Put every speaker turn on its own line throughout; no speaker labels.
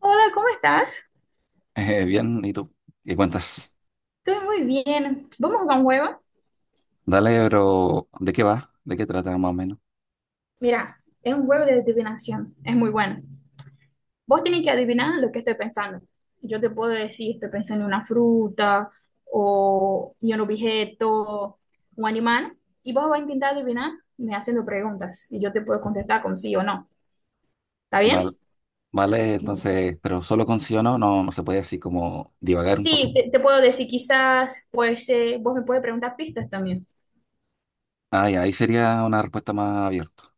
Hola, ¿cómo estás?
Bien, ¿y tú? ¿Qué cuentas?
Estoy muy bien. Vamos a jugar un juego.
Dale, pero ¿de qué va? ¿De qué trata más o menos?
Mira, es un juego de adivinación. Es muy bueno. Vos tenés que adivinar lo que estoy pensando. Yo te puedo decir, estoy pensando en una fruta o en un objeto, un animal, y vos vas a intentar adivinar me haciendo preguntas y yo te puedo contestar con sí o no. ¿Está bien?
Vale, vale,
Bien.
entonces, pero solo con sí o no, no, no se puede así como divagar un
Sí,
poco.
te puedo decir quizás, pues vos me puedes preguntar pistas también.
Ah, ya, ahí sería una respuesta más abierta.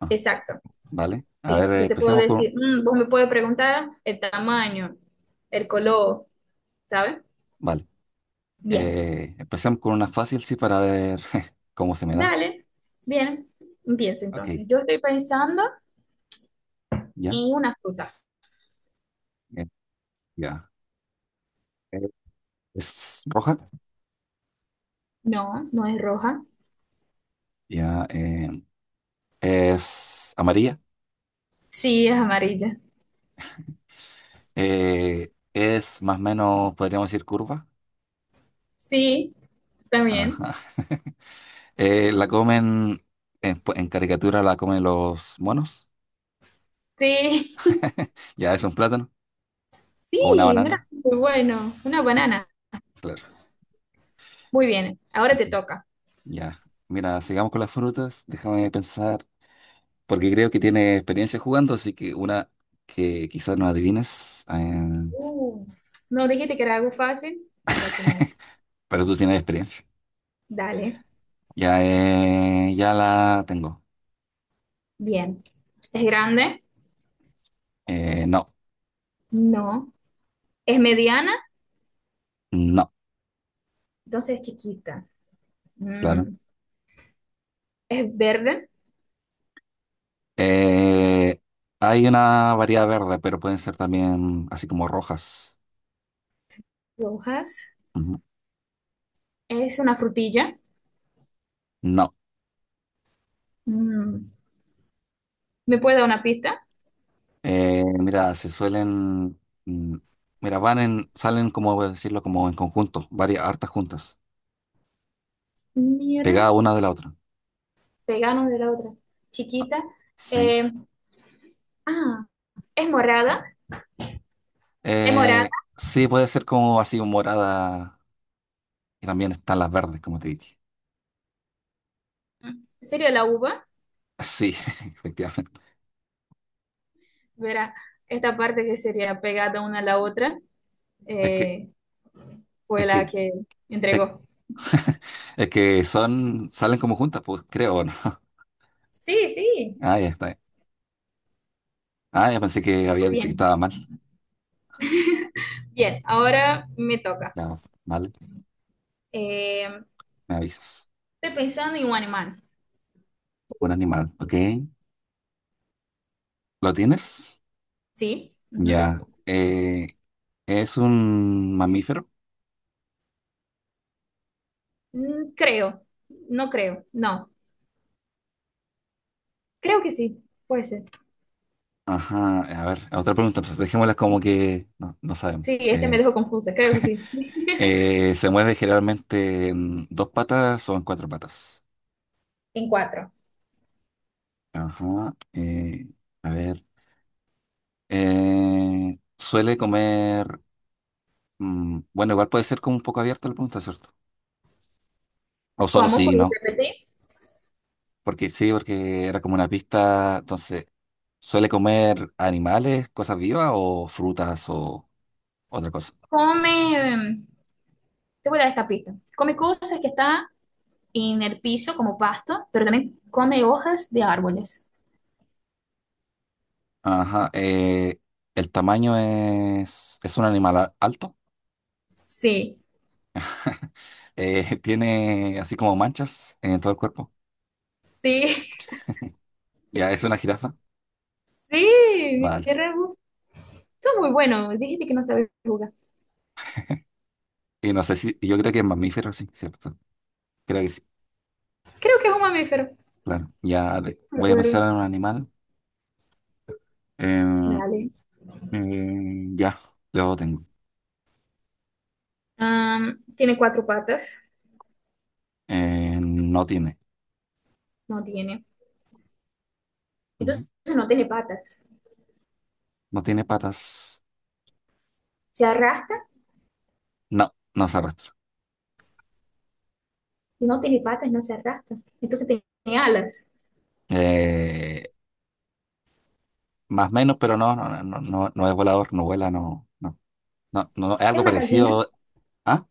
Ajá,
Exacto.
vale, a
Sí,
ver,
yo te puedo
empecemos con...
decir, mm, vos me puedes preguntar el tamaño, el color, ¿sabes?
Vale,
Bien,
empecemos con una fácil, sí, para ver cómo se me da.
dale, bien, empiezo
Ok,
entonces. Yo estoy pensando
ya,
en una fruta.
eh, ya. Eh, ¿Es roja?
No, no es roja.
Ya, ¿es amarilla?
Sí, es amarilla.
¿Es más o menos, podríamos decir, curva?
Sí, también.
Ajá. La comen, pues, en caricatura la comen los monos.
Sí,
Ya es un plátano o una
sí, mira,
banana.
es muy bueno. Una banana.
Claro.
Muy bien, ahora
Ok.
te toca.
Ya. Mira, sigamos con las frutas. Déjame pensar, porque creo que tiene experiencia jugando, así que una que quizás no adivines,
Uh, no dijiste que era algo fácil. Mira qué mal.
pero tú tienes experiencia.
Dale,
Ya, ya la tengo.
bien. ¿Es grande?
No,
No. ¿Es mediana?
no,
Entonces es chiquita.
claro.
Mm, es verde,
Eh, Hay una variedad verde, pero pueden ser también así como rojas.
rojas.
Ujú.
Es una frutilla.
No.
Mm, ¿me puede dar una pista?
Mira, se suelen, mm, mira, van en, salen como voy a decirlo, como en conjunto, varias hartas juntas,
Mira,
pegadas una de la otra.
pegano de la otra.
Ah,
Chiquita.
sí.
Eh, ah, es morada. Es morada.
Sí, puede ser como así un morada y también están las verdes, como te dije.
Sería la uva.
Sí, efectivamente.
Verá, esta parte que sería pegada una a la otra
Es que,
eh, fue
es
la
que,
que
es,
entregó.
es que son, salen como juntas, pues creo, ¿o no?
Sí, sí.
Ah, ya está. Ah, ya pensé que había
Muy
dicho que
bien.
estaba mal.
Bien, ahora me toca.
Ya, vale,
Eh,
me avisas.
Estoy pensando en un animal.
Un animal, ¿ok? ¿Lo tienes?
Sí. Ujú.
Ya. ¿Es un mamífero?
Mm, creo, no creo, no. Creo que sí, puede ser.
Ajá, a ver, otra pregunta, entonces dejémosla como que no, no sabemos.
Sí, este me dejó confusa, creo que sí.
¿Se mueve generalmente en dos patas o en cuatro patas?
En cuatro.
Ajá, a ver, ¿suele comer, bueno, igual puede ser como un poco abierta la pregunta, ¿cierto? O solo
¿Cómo?
sí y
¿Puedes
no,
repetir?
porque sí, porque era como una pista, entonces, ¿suele comer animales, cosas vivas o frutas o otra cosa?
Come, te voy a dar esta pista. Come cosas que están en el piso como pasto, pero también come hojas de árboles.
Ajá, el tamaño es un animal alto,
Sí,
tiene así como manchas en todo el cuerpo.
sí,
Ya, es una jirafa,
sí,
vale.
mi rebus. Son muy buenos, dijiste que no sabes jugar.
Y no sé si, yo creo que es mamífero, sí, ¿cierto? Creo que sí,
Creo que es un mamífero.
claro. Ya,
No me
voy a
acuerdo.
pensar en un animal. Eh,
Dale.
ya, luego tengo.
Tiene cuatro patas.
No tiene.
No tiene.
Ujú.
Entonces no tiene patas.
No tiene patas.
Se arrastra
No, no se arrastra.
y no tiene patas, no se arrastra. Entonces tiene alas.
Eh, Más o menos, pero no, no, no, no, no no es volador, no vuela, no, no, no, no, no, es
Es
algo
una gallina,
parecido. ¿Ah?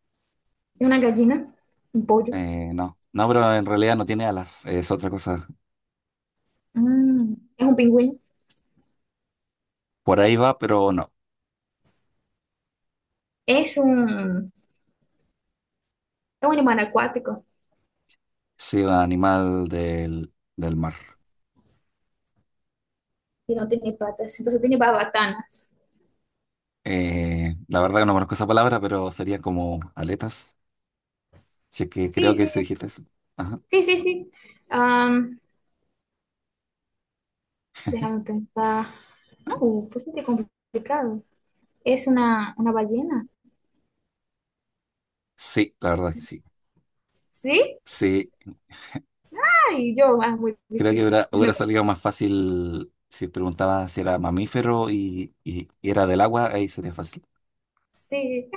es una gallina, un pollo.
No, no, pero en realidad no tiene alas, es otra cosa.
Mm, es un pingüino,
Por ahí va, pero no.
es un, es un animal acuático
Sí, un animal del mar.
y no tiene patas. Entonces tiene babatanas.
La verdad que no conozco esa palabra, pero sería como aletas. Si es que creo
Sí,
que
sí,
sí dijiste eso. Ajá.
sí, sí, sí. Am, Déjame pensar. No, pues sí que complicado. ¿Es una ballena?
Sí, la verdad que sí.
Sí.
Sí,
Ay, yo, ah, muy
creo que
difícil.
hubiera,
Es
hubiera
una-
salido más fácil si preguntaba si era mamífero y era del agua, ahí sería fácil.
sí,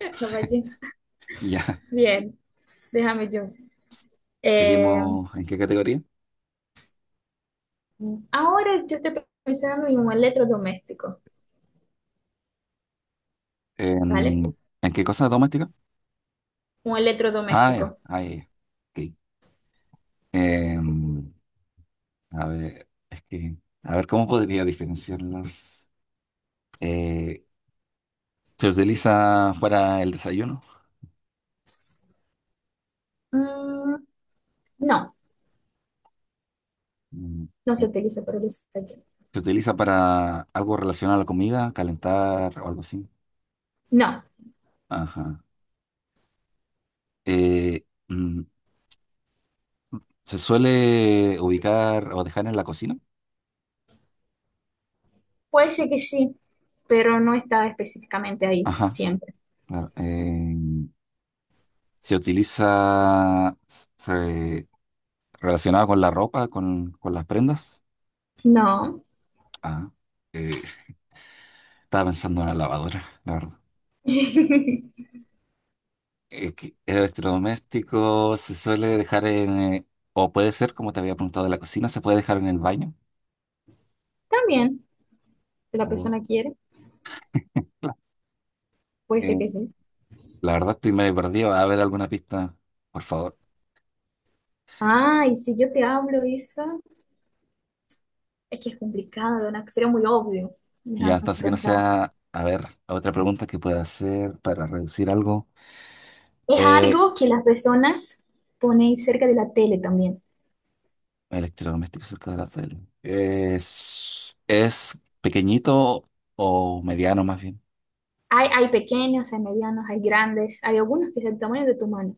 es una ballena.
Ya,
Bien, déjame yo. Eh,
seguimos. ¿En qué categoría?
Ahora yo estoy pensando en un electrodoméstico, ¿vale?
¿En qué cosa doméstica?
Un
Ah, ya,
electrodoméstico.
ah, ya. Ya. Ok. Em, a ver, es que, a ver, ¿cómo podría diferenciarlos? Eh, ¿Se utiliza para el desayuno?
Mm, no,
Mm.
no se
eh,
utiliza para el desayuno.
¿Se utiliza para algo relacionado a la comida, calentar o algo así?
No,
Ajá. Eh, mm, ¿Se suele ubicar o dejar en la cocina?
puede ser que sí, pero no está específicamente ahí
Ajá,
siempre.
claro. ¿Se utiliza se- relacionado con la ropa, con las prendas?
No.
Ah, eh, estaba pensando en la lavadora, la verdad. Que electrodoméstico se suele dejar en, o puede ser, como te había preguntado de la cocina, se puede dejar en el baño.
También, si la
Oh.
persona quiere, puede ser
Eh,
que sí.
la verdad estoy medio perdido. A ver alguna pista, por favor.
Ah, y si yo te hablo eso, es que es complicado, ¿no? Sería muy obvio.
Ya,
Déjame
entonces que no
pensar.
sea, a ver, otra pregunta que pueda hacer para reducir algo.
Es
Eh,
algo que las personas ponen cerca de la tele también.
Electrodoméstico cerca de la tele. Es pequeñito o mediano más bien.
Hay pequeños, hay medianos, hay grandes, hay algunos que es el tamaño de tu mano.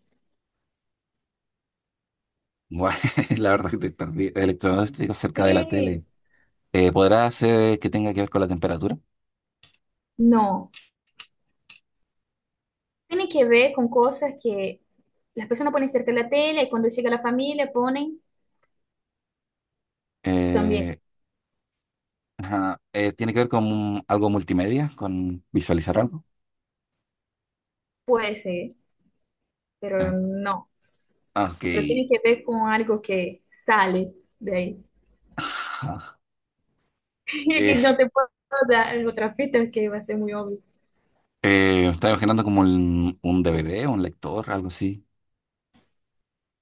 Bueno, la verdad que estoy perdido. Electrodoméstico cerca de la
Sí.
tele. ¿Podrá ser que tenga que ver con la temperatura?
No, tiene que ver con cosas que las personas ponen cerca de la tele y cuando llega la familia ponen también.
Eh, ajá, ¿tiene que ver con algo multimedia? ¿Con visualizar algo?
Puede ser, pero
Eh,
no.
ok.
Pero tiene que ver con algo que sale de ahí.
Ajá.
Y no
Eh,
te puedo dar otra pista que va a ser muy obvio.
Me estaba imaginando como un DVD, un lector, algo así,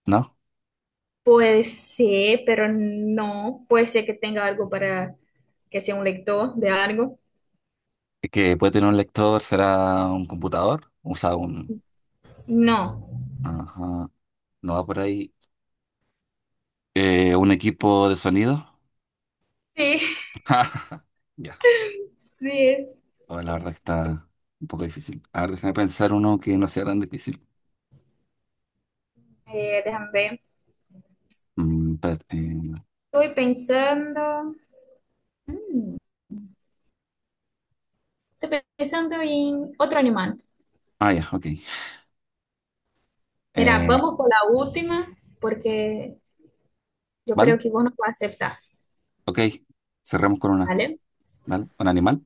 ¿no?
Puede ser, pero no. Puede ser que tenga algo para que sea un lector de algo.
Es que puede tener un lector, será un computador, o sea, un.
No.
Ajá, no va por ahí. Un equipo de sonido.
Sí,
Ya,
sí es.
oh, la verdad que está un poco difícil. A ver, déjame pensar uno que no sea tan difícil.
Déjame ver.
Espérate,
Estoy pensando. Mm, estoy pensando en otro animal.
ah, ya, ok.
Mira,
Eh,
vamos por la última porque yo
¿Vale?
creo que vos no vas a aceptar,
Ok, cerramos con una.
¿vale?
¿Dale? ¿Un animal?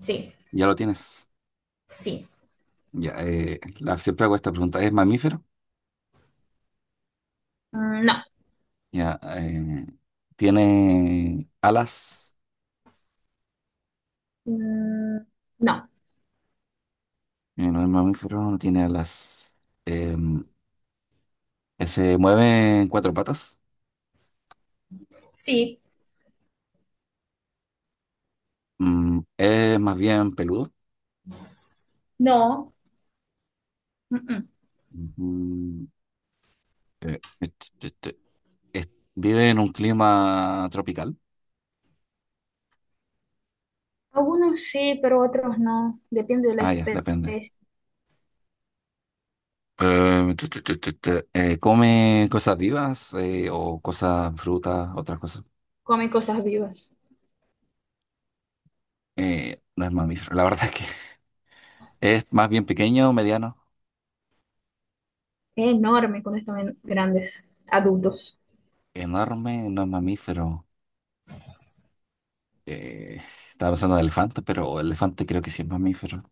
Sí,
Ya lo tienes.
sí.
Ya, la, siempre hago esta pregunta. ¿Es mamífero?
Mm, no.
Ya, ¿tiene alas?
Mm, no.
No es mamífero, no tiene alas. Em, ¿Se mueve en cuatro patas?
Sí,
¿Es más bien peludo?
no. Mm, mm.
Ujú. Eh, et- et- et- es- ¿Vive en un clima tropical?
Algunos sí, pero otros no. Depende de la
Ah, ya, depende.
especie.
Tu, tu, tu, tu, tu. ¿Come cosas vivas o cosas, frutas, otras cosas?
Comen cosas vivas.
No es mamífero, la verdad es que es más bien pequeño, mediano,
Es enorme cuando están grandes, adultos.
enorme, no es mamífero. Eh, Estaba pensando en elefante, pero el elefante creo que sí es mamífero.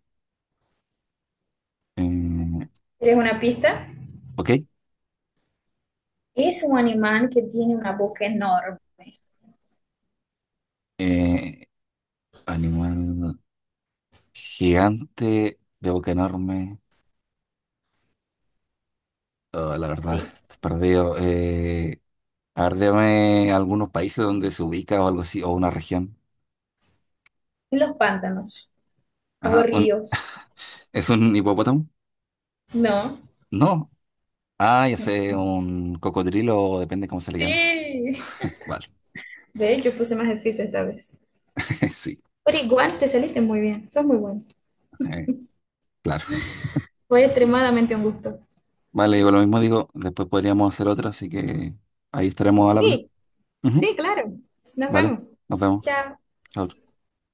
Eh,
¿Quieres una pista?
ok,
Es un animal que tiene una boca enorme.
eh, animal gigante, de boca enorme. Oh, la verdad,
Sí.
estoy perdido. A ver, dame algunos países donde se ubica o algo así, o una región.
Los pantanos o
Ajá,
ríos.
¿es un hipopótamo?
No.
No. Ah, ya sé, un cocodrilo, depende cómo se le llame.
Sí.
Vale,
De hecho, puse más difícil esta vez.
sí.
Pero igual te saliste muy bien. Sos muy bueno.
Eh, Claro.
Fue extremadamente un gusto.
Vale, digo lo mismo, digo, después podríamos hacer otra, así que ahí estaremos al habla.
Sí.
Ujú,
Sí, claro. Nos
vale,
vemos.
nos vemos.
Chao.
Chao.